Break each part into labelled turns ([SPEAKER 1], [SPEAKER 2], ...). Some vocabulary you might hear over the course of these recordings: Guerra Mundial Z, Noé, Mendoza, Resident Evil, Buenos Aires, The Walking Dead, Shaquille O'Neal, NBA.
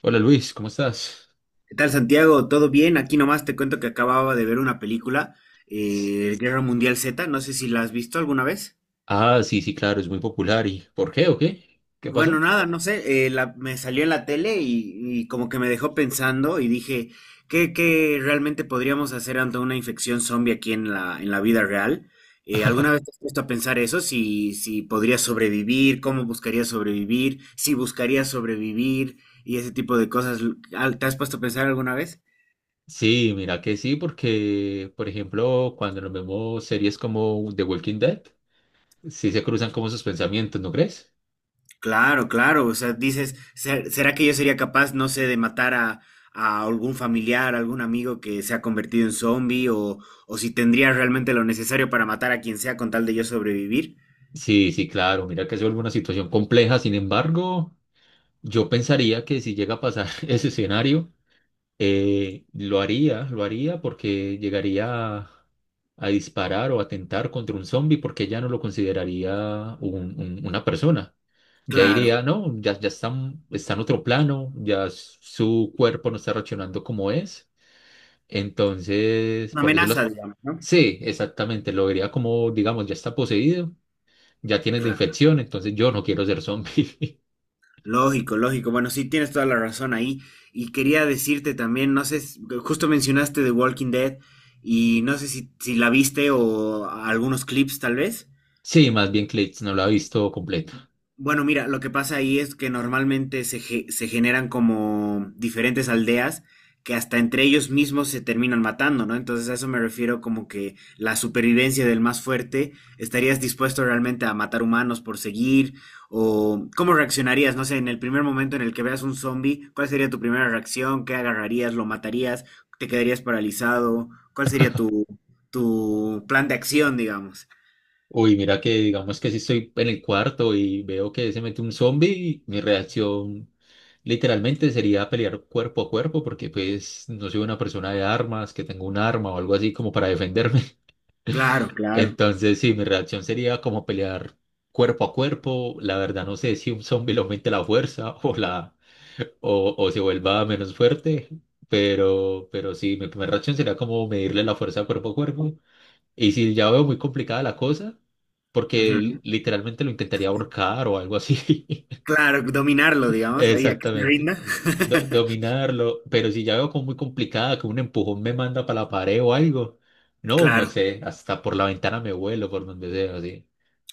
[SPEAKER 1] Hola Luis, ¿cómo estás?
[SPEAKER 2] ¿Qué tal, Santiago? ¿Todo bien? Aquí nomás te cuento que acababa de ver una película, Guerra Mundial Z, no sé si la has visto alguna vez.
[SPEAKER 1] Ah, sí, sí, claro, es muy popular. ¿Y por qué o qué? ¿Qué
[SPEAKER 2] Bueno,
[SPEAKER 1] pasó?
[SPEAKER 2] nada, no sé, me salió en la tele y como que me dejó pensando y dije, ¿qué realmente podríamos hacer ante una infección zombie aquí en la vida real? ¿Alguna vez te has puesto a pensar eso? ¿Si podrías sobrevivir, cómo buscarías sobrevivir, si buscarías sobrevivir y ese tipo de cosas, ¿te has puesto a pensar alguna vez?
[SPEAKER 1] Sí, mira que sí, porque, por ejemplo, cuando nos vemos series como The Walking Dead, sí se cruzan como sus pensamientos, ¿no crees?
[SPEAKER 2] Claro, claro, o sea, dices, ¿será que yo sería capaz, no sé, de matar a algún familiar, algún amigo que se ha convertido en zombie o si tendría realmente lo necesario para matar a quien sea con tal de yo sobrevivir?
[SPEAKER 1] Sí, sí, claro, mira que es una situación compleja. Sin embargo, yo pensaría que si llega a pasar ese escenario, lo haría porque llegaría a disparar o atentar contra un zombie porque ya no lo consideraría una persona. Ya
[SPEAKER 2] Claro,
[SPEAKER 1] diría, no, ya, ya están, está en otro plano, su cuerpo no está reaccionando como es. Entonces,
[SPEAKER 2] una
[SPEAKER 1] por decirlo así,
[SPEAKER 2] amenaza, digamos, ¿no?
[SPEAKER 1] sí, exactamente, lo vería como, digamos, ya está poseído, ya tienes la
[SPEAKER 2] Claro,
[SPEAKER 1] infección, entonces yo no quiero ser zombie.
[SPEAKER 2] lógico, lógico. Bueno, sí, tienes toda la razón ahí. Y quería decirte también, no sé, justo mencionaste The Walking Dead y no sé si la viste o algunos clips tal vez.
[SPEAKER 1] Sí, más bien Clits no lo ha visto completo.
[SPEAKER 2] Bueno, mira, lo que pasa ahí es que normalmente se generan como diferentes aldeas que hasta entre ellos mismos se terminan matando, ¿no? Entonces a eso me refiero como que la supervivencia del más fuerte, ¿estarías dispuesto realmente a matar humanos por seguir? ¿O cómo reaccionarías? No sé, en el primer momento en el que veas un zombie, ¿cuál sería tu primera reacción? ¿Qué agarrarías? ¿Lo matarías? ¿Te quedarías paralizado? ¿Cuál sería tu plan de acción, digamos?
[SPEAKER 1] Uy, mira que digamos que si estoy en el cuarto y veo que se mete un zombie, mi reacción literalmente sería pelear cuerpo a cuerpo porque pues no soy una persona de armas, que tengo un arma o algo así como para defenderme.
[SPEAKER 2] Claro, claro.
[SPEAKER 1] Entonces sí, mi reacción sería como pelear cuerpo a cuerpo. La verdad no sé si un zombie le aumente la fuerza o se vuelva menos fuerte, pero sí, mi primera reacción sería como medirle la fuerza cuerpo a cuerpo. Y si ya veo muy complicada la cosa, porque
[SPEAKER 2] Ujú.
[SPEAKER 1] literalmente lo intentaría ahorcar o algo así.
[SPEAKER 2] Claro, dominarlo, digamos, ahí a que se
[SPEAKER 1] Exactamente.
[SPEAKER 2] rinda.
[SPEAKER 1] Dominarlo. Pero si ya veo como muy complicada, que un empujón me manda para la pared o algo. No, no
[SPEAKER 2] Claro,
[SPEAKER 1] sé. Hasta por la ventana me vuelo, por donde sea, así.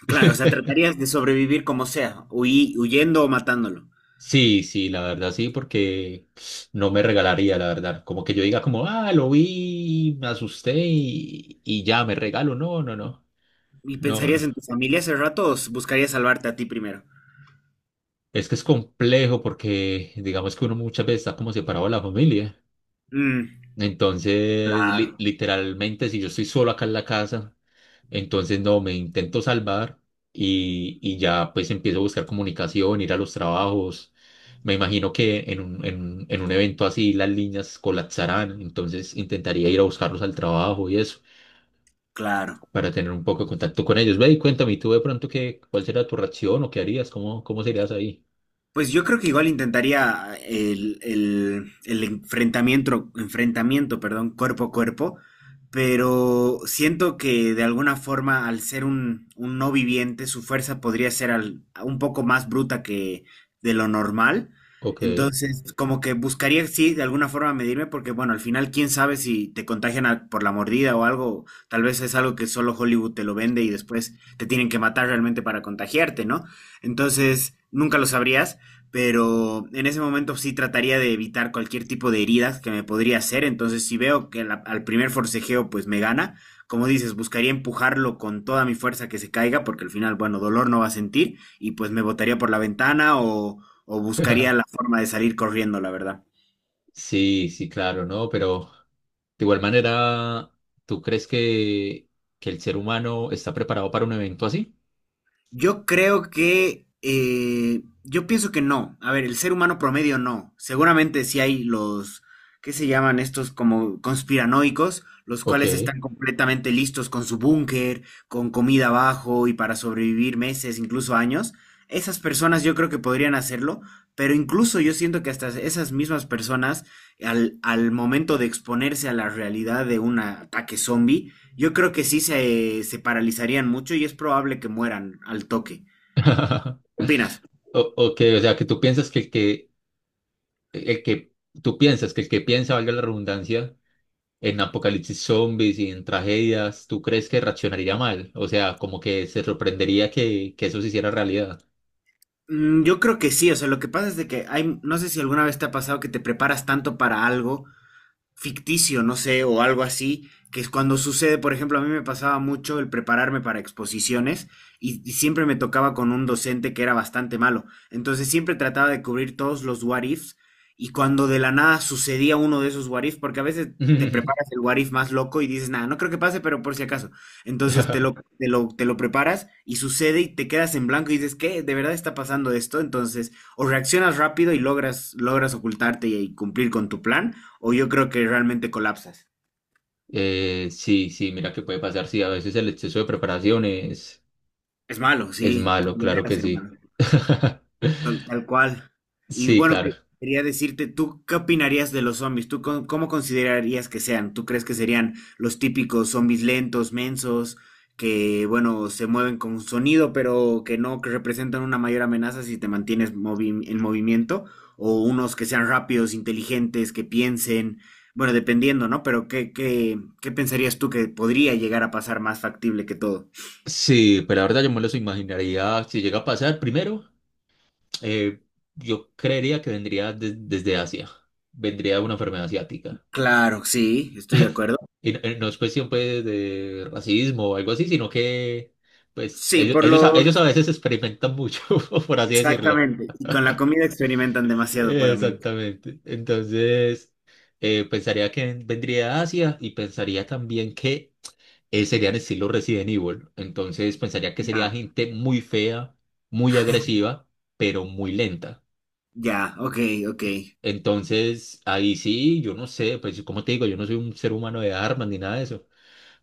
[SPEAKER 2] claro, o sea, tratarías de sobrevivir como sea, huyendo o matándolo.
[SPEAKER 1] Sí, sí, la verdad sí, porque no me regalaría, la verdad. Como que yo diga como, ah, lo vi, me asusté y ya me regalo. No, no, no.
[SPEAKER 2] ¿Y
[SPEAKER 1] No, no.
[SPEAKER 2] pensarías en tu familia ese rato o buscarías salvarte a ti primero?
[SPEAKER 1] Es que es complejo porque digamos que uno muchas veces está como separado de la familia.
[SPEAKER 2] Mm,
[SPEAKER 1] Entonces,
[SPEAKER 2] claro,
[SPEAKER 1] literalmente, si yo estoy solo acá en la casa, entonces no, me intento salvar y ya pues empiezo a buscar comunicación, ir a los trabajos. Me imagino que en un evento así las líneas colapsarán, entonces intentaría ir a buscarlos al trabajo y eso,
[SPEAKER 2] claro.
[SPEAKER 1] para tener un poco de contacto con ellos. Ve y cuéntame, ¿y tú de pronto qué, cuál será tu reacción o qué harías? ¿Cómo, cómo serías ahí?
[SPEAKER 2] Pues yo creo que igual intentaría el enfrentamiento, enfrentamiento, perdón, cuerpo a cuerpo, pero siento que de alguna forma al ser un no viviente, su fuerza podría ser un poco más bruta que de lo normal.
[SPEAKER 1] Ok.
[SPEAKER 2] Entonces, como que buscaría, sí, de alguna forma medirme, porque bueno, al final, quién sabe si te contagian por la mordida o algo, tal vez es algo que solo Hollywood te lo vende y después te tienen que matar realmente para contagiarte, ¿no? Entonces, nunca lo sabrías, pero en ese momento sí trataría de evitar cualquier tipo de heridas que me podría hacer, entonces si veo que al primer forcejeo pues me gana, como dices, buscaría empujarlo con toda mi fuerza que se caiga, porque al final, bueno, dolor no va a sentir, y pues me botaría por la ventana o buscaría la forma de salir corriendo, la verdad.
[SPEAKER 1] Sí, sí, claro, ¿no? Pero de igual manera, ¿tú crees que el ser humano está preparado para un evento así?
[SPEAKER 2] Yo creo que, yo pienso que no. A ver, el ser humano promedio no. Seguramente sí hay ¿qué se llaman estos como conspiranoicos? Los cuales
[SPEAKER 1] Ok.
[SPEAKER 2] están completamente listos con su búnker, con comida abajo y para sobrevivir meses, incluso años. Esas personas yo creo que podrían hacerlo, pero incluso yo siento que hasta esas mismas personas, al momento de exponerse a la realidad de un ataque zombie, yo creo que sí se paralizarían mucho y es probable que mueran al toque. ¿Qué opinas?
[SPEAKER 1] O, ok, o sea, que tú piensas que el que, tú piensas que el que piensa, valga la redundancia, en apocalipsis zombies y en tragedias, ¿tú crees que reaccionaría mal? O sea, como que se sorprendería que eso se hiciera realidad.
[SPEAKER 2] Mm, yo creo que sí, o sea, lo que pasa es de que hay, no sé si alguna vez te ha pasado que te preparas tanto para algo ficticio, no sé, o algo así, que es cuando sucede, por ejemplo, a mí me pasaba mucho el prepararme para exposiciones y siempre me tocaba con un docente que era bastante malo. Entonces siempre trataba de cubrir todos los what ifs y cuando de la nada sucedía uno de esos what ifs, porque a veces te preparas el what if más loco y dices, nada, no creo que pase, pero por si acaso. Entonces te lo preparas y sucede y te quedas en blanco y dices, ¿qué? ¿De verdad está pasando esto? Entonces, o reaccionas rápido y logras ocultarte y cumplir con tu plan o yo creo que realmente colapsas.
[SPEAKER 1] Sí, sí, mira que puede pasar, sí, a veces el exceso de preparaciones.
[SPEAKER 2] Es malo,
[SPEAKER 1] Es
[SPEAKER 2] sí,
[SPEAKER 1] malo,
[SPEAKER 2] puede llegar
[SPEAKER 1] claro
[SPEAKER 2] a
[SPEAKER 1] que
[SPEAKER 2] ser malo,
[SPEAKER 1] sí.
[SPEAKER 2] tal cual. Y
[SPEAKER 1] Sí,
[SPEAKER 2] bueno,
[SPEAKER 1] claro.
[SPEAKER 2] quería decirte, ¿tú qué opinarías de los zombies? ¿Tú cómo considerarías que sean? ¿Tú crees que serían los típicos zombies lentos, mensos, que, bueno, se mueven con sonido, pero que no que representan una mayor amenaza si te mantienes en movimiento? ¿O unos que sean rápidos, inteligentes, que piensen? Bueno, dependiendo, ¿no? Pero ¿qué pensarías tú que podría llegar a pasar más factible que todo?
[SPEAKER 1] Sí, pero la verdad yo me los imaginaría si llega a pasar. Primero, eh, yo creería que vendría desde Asia. Vendría una enfermedad asiática.
[SPEAKER 2] Claro, sí, estoy de acuerdo.
[SPEAKER 1] Y no, no es cuestión pues de racismo o algo así, sino que pues
[SPEAKER 2] Sí, por
[SPEAKER 1] ellos
[SPEAKER 2] los...
[SPEAKER 1] a veces experimentan mucho, por así decirlo.
[SPEAKER 2] Exactamente. Y con la comida experimentan demasiado para mí.
[SPEAKER 1] Exactamente. Entonces, pensaría que vendría de Asia y pensaría también que serían estilo Resident Evil. Entonces pensaría que sería
[SPEAKER 2] Ya,
[SPEAKER 1] gente muy fea, muy agresiva, pero muy lenta.
[SPEAKER 2] ya, ok, ok.
[SPEAKER 1] Entonces ahí sí, yo no sé, pues como te digo, yo no soy un ser humano de armas ni nada de eso.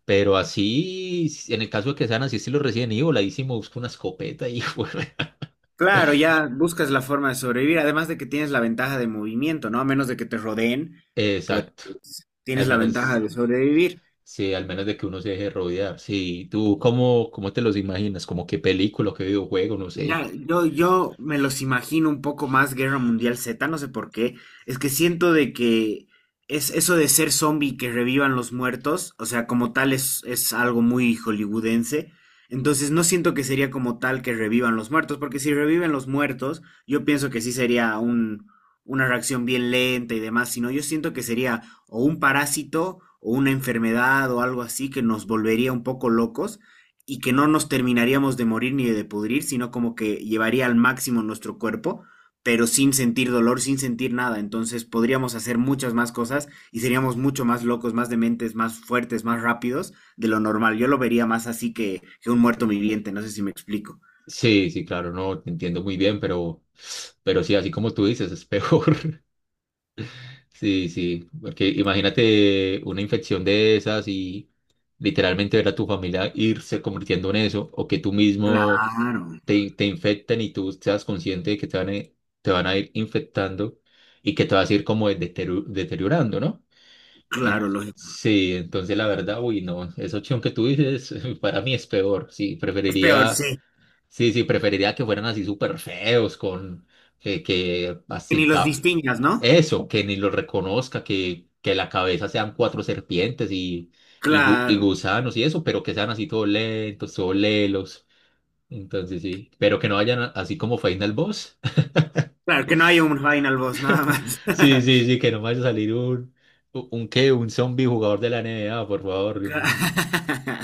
[SPEAKER 1] Pero así, en el caso de que sean así estilo Resident Evil, ahí sí me busco una escopeta y bueno.
[SPEAKER 2] Claro, ya buscas la forma de sobrevivir, además de que tienes la ventaja de movimiento, ¿no? A menos de que te rodeen, pues
[SPEAKER 1] Exacto. Al
[SPEAKER 2] tienes la ventaja
[SPEAKER 1] menos,
[SPEAKER 2] de sobrevivir.
[SPEAKER 1] sí, al menos de que uno se deje rodear. Sí, ¿tú cómo, cómo te los imaginas? ¿Como qué película, qué videojuego? No
[SPEAKER 2] Mira,
[SPEAKER 1] sé.
[SPEAKER 2] yo me los imagino un poco más Guerra Mundial Z, no sé por qué. Es que siento de que es eso de ser zombie que revivan los muertos, o sea, como tal es algo muy hollywoodense. Entonces no siento que sería como tal que revivan los muertos, porque si reviven los muertos, yo pienso que sí sería una reacción bien lenta y demás, sino yo siento que sería o un parásito o una enfermedad o algo así que nos volvería un poco locos y que no nos terminaríamos de morir ni de pudrir, sino como que llevaría al máximo nuestro cuerpo, pero sin sentir dolor, sin sentir nada. Entonces podríamos hacer muchas más cosas y seríamos mucho más locos, más dementes, más fuertes, más rápidos de lo normal. Yo lo vería más así que un muerto viviente, no sé si me explico.
[SPEAKER 1] Sí, sí, claro, no, te entiendo muy bien, pero sí, así como tú dices, es peor. Sí, sí, porque imagínate una infección de esas y literalmente ver a tu familia irse convirtiendo en eso, o que tú mismo
[SPEAKER 2] Claro,
[SPEAKER 1] te infecten y tú seas consciente de que te van a ir infectando y que te vas a ir como deteriorando, ¿no? En-
[SPEAKER 2] claro, lógico.
[SPEAKER 1] sí, entonces la verdad, uy, no, esa opción que tú dices para mí es peor, sí,
[SPEAKER 2] Es peor,
[SPEAKER 1] preferiría.
[SPEAKER 2] sí.
[SPEAKER 1] Sí, sí, preferiría que fueran así súper feos, con que, que
[SPEAKER 2] Que ni
[SPEAKER 1] así,
[SPEAKER 2] los
[SPEAKER 1] ca-
[SPEAKER 2] distingas, ¿no?
[SPEAKER 1] eso, que ni los reconozca, que la cabeza sean cuatro serpientes y, y
[SPEAKER 2] Claro.
[SPEAKER 1] gusanos y eso, pero que sean así todos lentos, todos lelos. Entonces sí, pero que no vayan a- así como Final Boss.
[SPEAKER 2] Claro, que no hay un final boss, nada más.
[SPEAKER 1] Sí, sí, sí, que no vaya a salir un zombie jugador de la NBA, por favor.
[SPEAKER 2] Claro.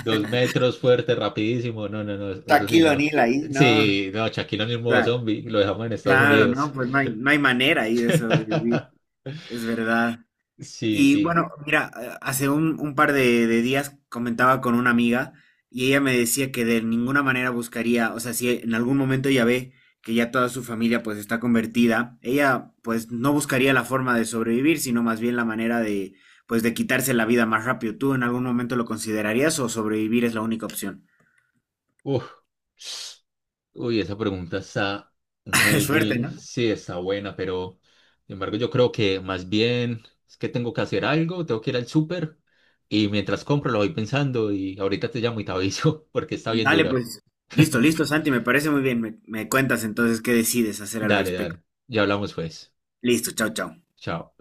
[SPEAKER 1] Dos metros fuerte, rapidísimo. No, no, no, eso sí,
[SPEAKER 2] Shaquille
[SPEAKER 1] no.
[SPEAKER 2] O'Neal ahí, no.
[SPEAKER 1] Sí, no, Shaquille O'Neal modo
[SPEAKER 2] Claro.
[SPEAKER 1] zombie, lo dejamos en Estados
[SPEAKER 2] Claro, no,
[SPEAKER 1] Unidos.
[SPEAKER 2] no hay manera ahí de sobrevivir, es verdad.
[SPEAKER 1] Sí,
[SPEAKER 2] Y
[SPEAKER 1] sí.
[SPEAKER 2] bueno, mira, hace un par de días comentaba con una amiga y ella me decía que de ninguna manera buscaría, o sea, si en algún momento ella ve que ya toda su familia pues está convertida, ella pues no buscaría la forma de sobrevivir, sino más bien la manera de pues de quitarse la vida más rápido. ¿Tú en algún momento lo considerarías o sobrevivir es la única opción?
[SPEAKER 1] Uf. Uy, esa pregunta está muy,
[SPEAKER 2] Suerte,
[SPEAKER 1] muy,
[SPEAKER 2] ¿no?
[SPEAKER 1] sí, está buena, pero sin embargo yo creo que más bien es que tengo que hacer algo, tengo que ir al súper y mientras compro lo voy pensando y ahorita te llamo y te aviso porque está bien
[SPEAKER 2] Dale,
[SPEAKER 1] dura.
[SPEAKER 2] pues. Listo, listo, Santi, me parece muy bien. Me cuentas entonces qué decides hacer al
[SPEAKER 1] Dale,
[SPEAKER 2] respecto.
[SPEAKER 1] dale. Ya hablamos pues.
[SPEAKER 2] Listo, chao, chao.
[SPEAKER 1] Chao.